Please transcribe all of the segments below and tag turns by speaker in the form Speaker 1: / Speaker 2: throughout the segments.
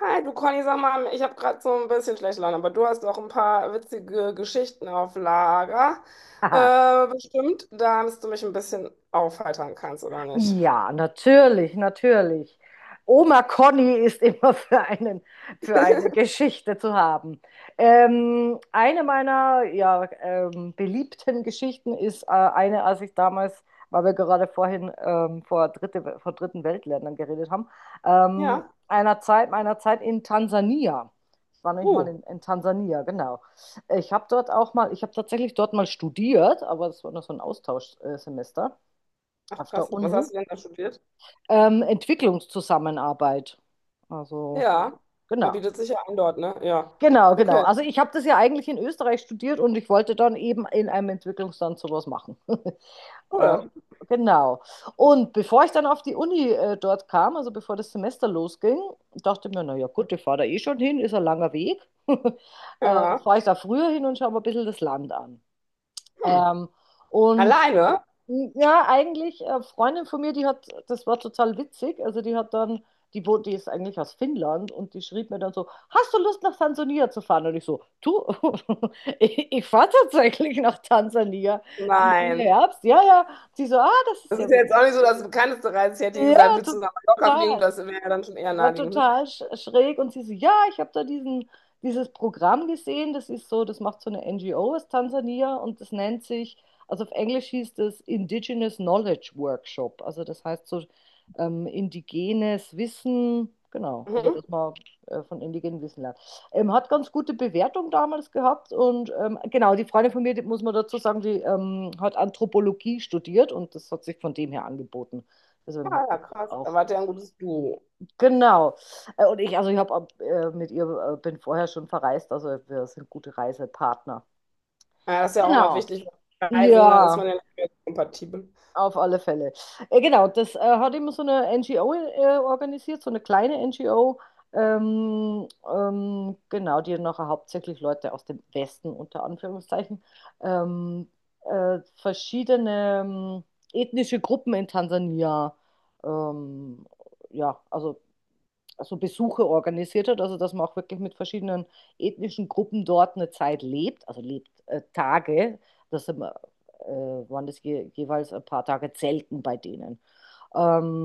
Speaker 1: Hi, du Conny, sag mal, ich habe gerade so ein bisschen schlechte Laune, aber du hast auch ein paar witzige Geschichten auf Lager.
Speaker 2: Aha.
Speaker 1: Bestimmt, damit du mich ein bisschen aufheitern kannst, oder nicht?
Speaker 2: Ja, natürlich, natürlich. Oma Conny ist immer für einen, für eine Geschichte zu haben. Eine meiner beliebten Geschichten ist eine, als ich damals, weil wir gerade vorhin vor dritten Weltländern geredet haben,
Speaker 1: Ja.
Speaker 2: einer Zeit, meiner Zeit in Tansania. Ich war nämlich mal
Speaker 1: Uh,
Speaker 2: in Tansania, genau. Ich habe dort auch mal, ich habe tatsächlich dort mal studiert, aber das war nur so ein Austauschsemester.
Speaker 1: ach
Speaker 2: Auf der
Speaker 1: krass. Was
Speaker 2: Uni,
Speaker 1: hast du denn da studiert?
Speaker 2: Entwicklungszusammenarbeit. Also,
Speaker 1: Ja. Da
Speaker 2: genau.
Speaker 1: bietet sich ja an dort, ne? Ja.
Speaker 2: Genau, genau.
Speaker 1: Okay,
Speaker 2: Also ich habe das ja eigentlich in Österreich studiert und ich wollte dann eben in einem Entwicklungsland sowas machen. äh,
Speaker 1: cool.
Speaker 2: genau. Und bevor ich dann auf die Uni dort kam, also bevor das Semester losging, dachte ich mir, naja gut, ich fahre da eh schon hin, ist ein langer Weg.
Speaker 1: Ja.
Speaker 2: Fahre ich da früher hin und schaue mir ein bisschen das Land an.
Speaker 1: Hm.
Speaker 2: Ähm, und
Speaker 1: Alleine?
Speaker 2: ja, eigentlich, Freundin von mir, die hat, das war total witzig. Also die hat dann, die wohnt, die ist eigentlich aus Finnland und die schrieb mir dann so, hast du Lust nach Tansania zu fahren? Und ich so, du, ich fahre tatsächlich nach Tansania diesen
Speaker 1: Nein.
Speaker 2: Herbst. Ja, ja. Sie so, ah, das ist
Speaker 1: Das
Speaker 2: ja
Speaker 1: ist ja jetzt
Speaker 2: witzig.
Speaker 1: auch nicht so das bekannteste Reis. Ich hätte dir gesagt,
Speaker 2: Ja,
Speaker 1: willst du nach Mallorca fliegen?
Speaker 2: total.
Speaker 1: Das wäre ja dann schon eher
Speaker 2: War
Speaker 1: naheliegend, ne?
Speaker 2: total schräg und sie so, ja, ich habe da diesen, dieses Programm gesehen, das ist so, das macht so eine NGO aus Tansania und das nennt sich, also auf Englisch hieß das Indigenous Knowledge Workshop, also das heißt so, indigenes Wissen, genau, also
Speaker 1: Mhm.
Speaker 2: dass man von indigenem Wissen lernt. Hat ganz gute Bewertung damals gehabt und genau, die Freundin von mir, die, muss man dazu sagen, die hat Anthropologie studiert und das hat sich von dem her angeboten. Deswegen
Speaker 1: Ah,
Speaker 2: hat sie
Speaker 1: ja,
Speaker 2: das
Speaker 1: krass. Da
Speaker 2: auch.
Speaker 1: wart ihr ein gutes Duo.
Speaker 2: Genau. Und ich, also ich habe mit ihr, bin vorher schon verreist, also wir sind gute Reisepartner.
Speaker 1: Ja, das ist ja auch immer
Speaker 2: Genau.
Speaker 1: wichtig, weil Reisen, da ist man
Speaker 2: Ja,
Speaker 1: ja nicht mehr so kompatibel.
Speaker 2: auf alle Fälle. Genau, das hat immer so eine NGO organisiert, so eine kleine NGO. Genau, die nachher hauptsächlich Leute aus dem Westen, unter Anführungszeichen, ähm, verschiedene ethnische Gruppen in Tansania, ähm, ja, also Besuche organisiert hat, also dass man auch wirklich mit verschiedenen ethnischen Gruppen dort eine Zeit lebt, also lebt, Tage, das sind, äh, waren das jeweils ein paar Tage Zelten bei denen.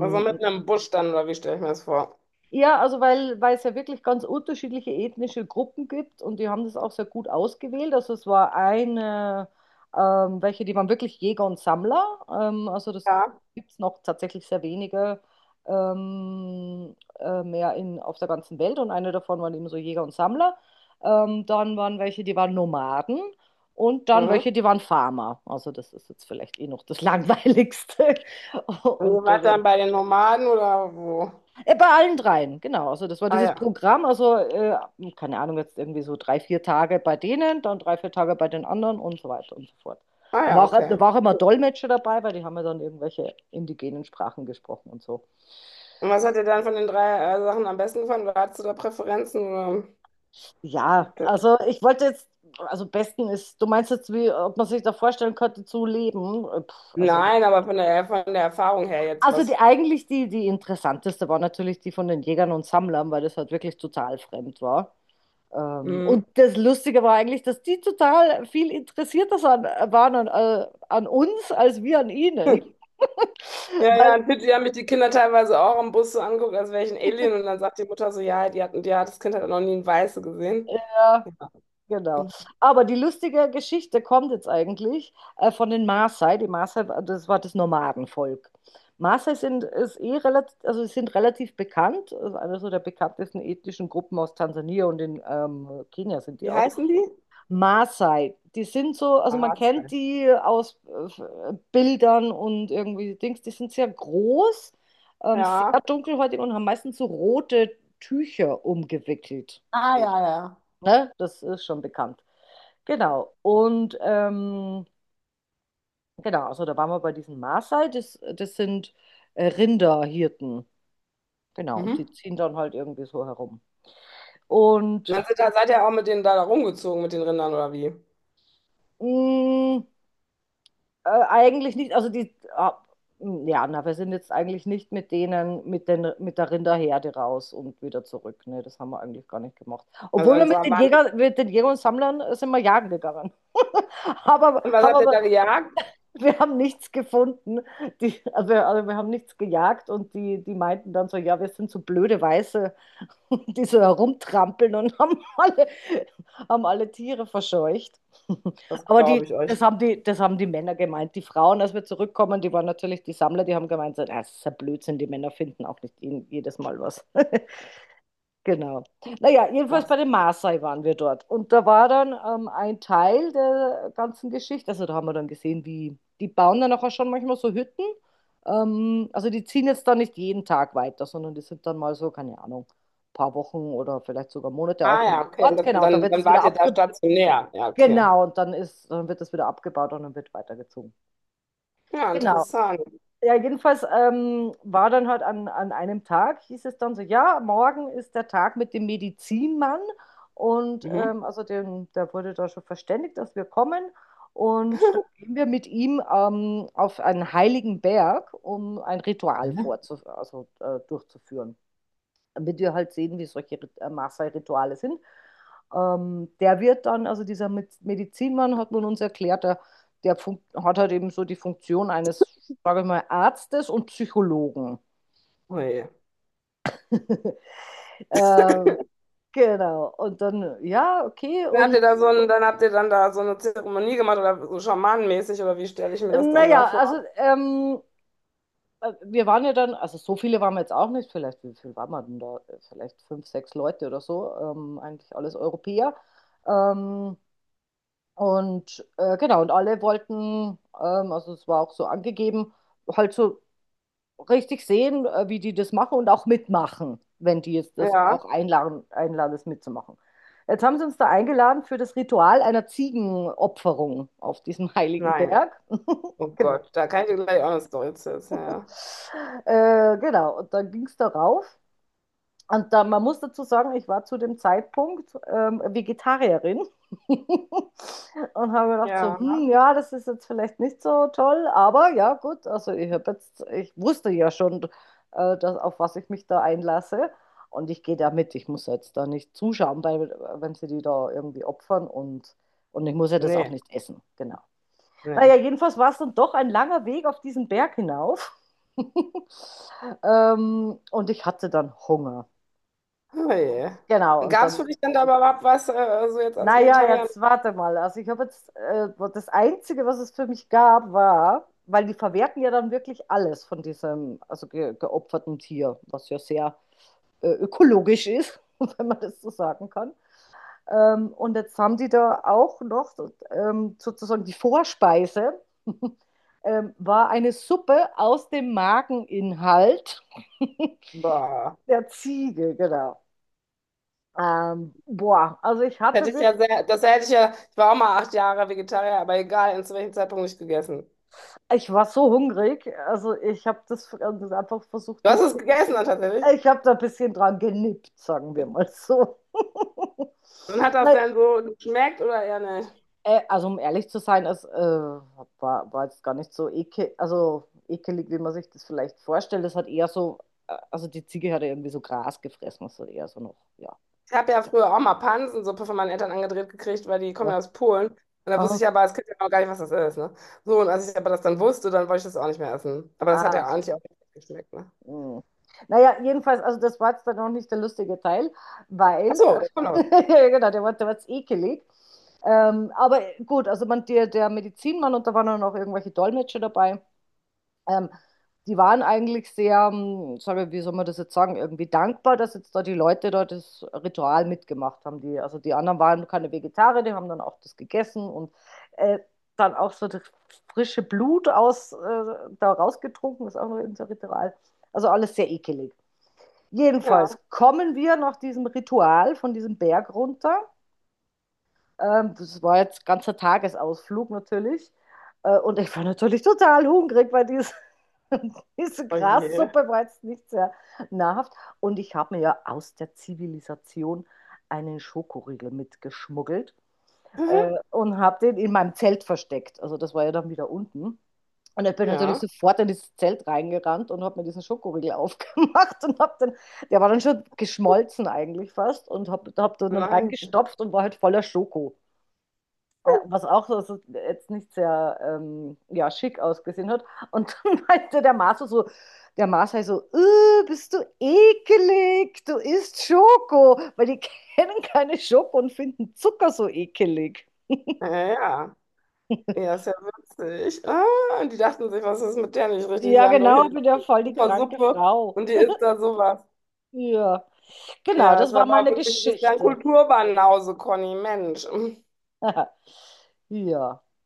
Speaker 1: Also mit einem Busch dann, oder wie stelle ich mir das vor?
Speaker 2: ja, also weil es ja wirklich ganz unterschiedliche ethnische Gruppen gibt und die haben das auch sehr gut ausgewählt. Also es war eine, welche, die waren wirklich Jäger und Sammler. Also das
Speaker 1: Ja.
Speaker 2: gibt es noch tatsächlich sehr wenige mehr auf der ganzen Welt und eine davon waren eben so Jäger und Sammler. Dann waren welche, die waren Nomaden und dann
Speaker 1: Mhm.
Speaker 2: welche, die waren Farmer. Also das ist jetzt vielleicht eh noch das Langweiligste.
Speaker 1: Und ihr
Speaker 2: Und
Speaker 1: wart dann bei den Nomaden oder wo?
Speaker 2: bei allen dreien, genau. Also das war
Speaker 1: Ah
Speaker 2: dieses
Speaker 1: ja.
Speaker 2: Programm, also keine Ahnung, jetzt irgendwie so drei, vier Tage bei denen, dann drei, vier Tage bei den anderen und so weiter und so fort.
Speaker 1: Ah
Speaker 2: Dann war
Speaker 1: ja,
Speaker 2: auch,
Speaker 1: okay.
Speaker 2: da war auch immer Dolmetscher dabei, weil die haben ja dann irgendwelche indigenen Sprachen gesprochen und so.
Speaker 1: Und was hat dir dann von den drei Sachen am besten gefallen? Oder hattest du da Präferenzen?
Speaker 2: Ja,
Speaker 1: Oder?
Speaker 2: also ich wollte jetzt, also besten ist, du meinst jetzt, wie, ob man sich da vorstellen könnte zu leben? Pff,
Speaker 1: Nein, aber von der Erfahrung her jetzt
Speaker 2: also die,
Speaker 1: was.
Speaker 2: eigentlich die, die interessanteste war natürlich die von den Jägern und Sammlern, weil das halt wirklich total fremd war. Und
Speaker 1: Mhm.
Speaker 2: das Lustige war eigentlich, dass die total viel interessierter waren an, an uns als wir an ihnen.
Speaker 1: Ja, ja, in Fidschi haben mich die Kinder teilweise auch im Bus so angeguckt, als wäre ich ein Alien. Und dann sagt die Mutter so, ja, die hat, das Kind hat noch nie einen Weiße gesehen.
Speaker 2: Ja,
Speaker 1: Ja,
Speaker 2: genau. Aber die lustige Geschichte kommt jetzt eigentlich von den Maasai. Die Maasai, das war das Nomadenvolk. Maasai sind, ist eh relativ, also sie sind relativ bekannt, also einer so der bekanntesten ethnischen Gruppen aus Tansania und in Kenia sind die
Speaker 1: wie
Speaker 2: auch.
Speaker 1: heißen die?
Speaker 2: Maasai, die sind so, also man
Speaker 1: Maße.
Speaker 2: kennt die aus Bildern und irgendwie Dings, die sind sehr groß, sehr
Speaker 1: Ja,
Speaker 2: dunkelhäutig und haben meistens so rote Tücher umgewickelt.
Speaker 1: ah, ja, ja.
Speaker 2: Ne? Das ist schon bekannt. Genau. Und genau, also da waren wir bei diesen Maasai, das, das sind Rinderhirten. Genau, und die
Speaker 1: Mhm.
Speaker 2: ziehen dann halt irgendwie so herum.
Speaker 1: Und dann
Speaker 2: Und
Speaker 1: sind, seid ihr auch mit denen da rumgezogen, mit den Rindern oder wie?
Speaker 2: mh, eigentlich nicht, also die, ah, ja, na, wir sind jetzt eigentlich nicht mit denen, mit der Rinderherde raus und wieder zurück. Ne, das haben wir eigentlich gar nicht gemacht.
Speaker 1: Also
Speaker 2: Obwohl wir
Speaker 1: waren die,
Speaker 2: Mit den Jägern und Sammlern sind wir jagen gegangen. Aber,
Speaker 1: und was
Speaker 2: haben
Speaker 1: habt ihr
Speaker 2: aber
Speaker 1: da gejagt?
Speaker 2: wir haben nichts gefunden. Die, also wir haben nichts gejagt und die meinten dann so, ja, wir sind so blöde Weiße, und die so herumtrampeln und haben alle Tiere verscheucht.
Speaker 1: Das
Speaker 2: Aber die,
Speaker 1: glaube ich euch.
Speaker 2: das, haben die, das haben die Männer gemeint. Die Frauen, als wir zurückkommen, die waren natürlich die Sammler, die haben gemeint, so, "Ah, das ist ja Blödsinn, die Männer finden auch nicht jedes Mal was." Genau. Naja, jedenfalls
Speaker 1: Ach,
Speaker 2: bei den Maasai waren wir dort. Und da war dann ein Teil der ganzen Geschichte. Also da haben wir dann gesehen, wie die bauen dann auch schon manchmal so Hütten. Also die ziehen jetzt dann nicht jeden Tag weiter, sondern die sind dann mal so, keine Ahnung, paar Wochen oder vielleicht sogar Monate
Speaker 1: ah
Speaker 2: auf
Speaker 1: ja,
Speaker 2: einem
Speaker 1: okay.
Speaker 2: Ort. Genau, da
Speaker 1: Dann,
Speaker 2: wird
Speaker 1: dann
Speaker 2: es wieder
Speaker 1: wart ihr da
Speaker 2: abge...
Speaker 1: stationär. Ja, okay.
Speaker 2: Genau, und dann ist, dann wird es wieder abgebaut und dann wird weitergezogen.
Speaker 1: Ja,
Speaker 2: Genau.
Speaker 1: interessant.
Speaker 2: Ja, jedenfalls war dann halt an einem Tag, hieß es dann so, ja, morgen ist der Tag mit dem Medizinmann. Und
Speaker 1: Mhm.
Speaker 2: also den, der wurde da schon verständigt, dass wir kommen. Und dann gehen wir mit ihm auf einen heiligen Berg, um ein Ritual
Speaker 1: Mhm.
Speaker 2: durchzuführen, wird ihr halt sehen, wie solche Maße-Rituale sind. Der wird dann, also dieser Medizinmann, hat man uns erklärt, der hat halt eben so die Funktion eines, sage ich mal, Arztes und Psychologen.
Speaker 1: Ui.
Speaker 2: äh, genau. Und dann, ja, okay.
Speaker 1: Dann habt
Speaker 2: Und
Speaker 1: ihr da so ein, dann habt ihr dann da so eine Zeremonie gemacht oder so schamanenmäßig oder wie stelle ich mir das dann da
Speaker 2: naja,
Speaker 1: vor?
Speaker 2: also wir waren ja dann, also so viele waren wir jetzt auch nicht, vielleicht, wie viel waren wir denn da? Vielleicht fünf, sechs Leute oder so, eigentlich alles Europäer. Ähm, Und genau, und alle wollten, also es war auch so angegeben, halt so richtig sehen, wie die das machen und auch mitmachen, wenn die jetzt das
Speaker 1: Ja,
Speaker 2: auch einladen, das mitzumachen. Jetzt haben sie uns da eingeladen für das Ritual einer Ziegenopferung auf diesem heiligen
Speaker 1: nein.
Speaker 2: Berg.
Speaker 1: Oh
Speaker 2: Genau.
Speaker 1: Gott, da kann ich dir gleich auch eine Story zu erzählen.
Speaker 2: Genau, und dann ging es darauf. Und da, man muss dazu sagen, ich war zu dem Zeitpunkt Vegetarierin und habe gedacht so,
Speaker 1: Ja. Ja.
Speaker 2: hm, ja, das ist jetzt vielleicht nicht so toll, aber ja, gut, also ich habe jetzt, ich wusste ja schon, dass, auf was ich mich da einlasse und ich gehe da mit, ich muss jetzt da nicht zuschauen, weil wenn sie die da irgendwie opfern und ich muss ja das auch
Speaker 1: Nee,
Speaker 2: nicht essen, genau.
Speaker 1: nee.
Speaker 2: Naja, jedenfalls war es dann doch ein langer Weg auf diesen Berg hinauf. Und ich hatte dann Hunger.
Speaker 1: Oh je.
Speaker 2: Genau, und
Speaker 1: Gab es
Speaker 2: dann,
Speaker 1: für dich denn da überhaupt was, also jetzt als
Speaker 2: naja,
Speaker 1: Vegetarier?
Speaker 2: jetzt warte mal. Also ich habe jetzt, das Einzige, was es für mich gab, war, weil die verwerten ja dann wirklich alles von diesem, also ge geopferten Tier, was ja sehr ökologisch ist, wenn man das so sagen kann. Und jetzt haben die da auch noch sozusagen die Vorspeise, war eine Suppe aus dem Mageninhalt
Speaker 1: Boah.
Speaker 2: der Ziege, genau. Boah, also ich
Speaker 1: Hätte
Speaker 2: hatte
Speaker 1: ich ja
Speaker 2: wirklich.
Speaker 1: sehr, das hätte ich ja, ich war auch mal 8 Jahre Vegetarier, aber egal, zu welchem Zeitpunkt nicht gegessen.
Speaker 2: Ich war so hungrig, also, ich habe das einfach versucht
Speaker 1: Du hast
Speaker 2: nicht.
Speaker 1: es gegessen dann tatsächlich.
Speaker 2: Ich habe da ein bisschen dran genippt, sagen wir mal so.
Speaker 1: Und hat das
Speaker 2: Ne,
Speaker 1: denn so geschmeckt oder eher nicht?
Speaker 2: also, um ehrlich zu sein, war war jetzt gar nicht so ekel also, ekelig, wie man sich das vielleicht vorstellt. Es hat eher so also, die Ziege hat ja irgendwie so Gras gefressen, also eher so noch ja,
Speaker 1: Ich habe ja früher auch mal Pansensuppe von meinen Eltern angedreht gekriegt, weil die kommen
Speaker 2: ne?
Speaker 1: ja aus Polen. Und da wusste
Speaker 2: Aha.
Speaker 1: ich aber als Kind ja auch gar nicht, was das ist, ne? So, und als ich aber das dann wusste, dann wollte ich das auch nicht mehr essen. Aber das hat
Speaker 2: Ah,
Speaker 1: ja eigentlich auch nicht geschmeckt, ne?
Speaker 2: mhm. Na ja, jedenfalls, also, das war jetzt dann noch nicht der lustige Teil,
Speaker 1: Ach
Speaker 2: weil
Speaker 1: so, da kommt noch was.
Speaker 2: ja genau, der war jetzt ekelig. Aber gut, also man, der Medizinmann und da waren dann auch irgendwelche Dolmetscher dabei. Ähm, Die waren eigentlich sehr, soll man, wie soll man das jetzt sagen, irgendwie dankbar, dass jetzt da die Leute da das Ritual mitgemacht haben. Die, also die anderen waren keine Vegetarier, die haben dann auch das gegessen und äh, dann auch so das frische Blut da rausgetrunken, ist auch noch irgendein Ritual. Also alles sehr ekelig. Jedenfalls
Speaker 1: Ja.
Speaker 2: kommen wir nach diesem Ritual von diesem Berg runter, das war jetzt ganzer Tagesausflug natürlich. Und ich war natürlich total hungrig, weil diese, diese
Speaker 1: Oh je.
Speaker 2: Grassuppe war jetzt nicht sehr nahrhaft. Und ich habe mir ja aus der Zivilisation einen Schokoriegel mitgeschmuggelt
Speaker 1: Mhm.
Speaker 2: und habe den in meinem Zelt versteckt. Also das war ja dann wieder unten. Und ich bin natürlich
Speaker 1: Ja.
Speaker 2: sofort in dieses Zelt reingerannt und habe mir diesen Schokoriegel aufgemacht und habe dann, der war dann schon geschmolzen eigentlich fast und habe hab den dann
Speaker 1: Nein.
Speaker 2: reingestopft und war halt voller Schoko. Ja, was auch so jetzt nicht sehr ja, schick ausgesehen hat. Und dann meinte der Marso so, der Marso halt so, bist du ekelig, du isst Schoko, weil die kennen keine Schoko und finden Zucker so ekelig."
Speaker 1: Ja, ja, ja, ist ja witzig. Ah, und die dachten sich, was ist mit der nicht richtig?
Speaker 2: Ja,
Speaker 1: Wir haben doch
Speaker 2: genau,
Speaker 1: hier
Speaker 2: ich
Speaker 1: die
Speaker 2: bin ja voll die
Speaker 1: super
Speaker 2: kranke
Speaker 1: Suppe
Speaker 2: Frau.
Speaker 1: und die isst da sowas.
Speaker 2: Ja, genau,
Speaker 1: Ja, ist
Speaker 2: das war
Speaker 1: aber
Speaker 2: meine
Speaker 1: wirklich, du bist ja ein
Speaker 2: Geschichte.
Speaker 1: Kulturwandel, Conny, Mensch.
Speaker 2: Ja.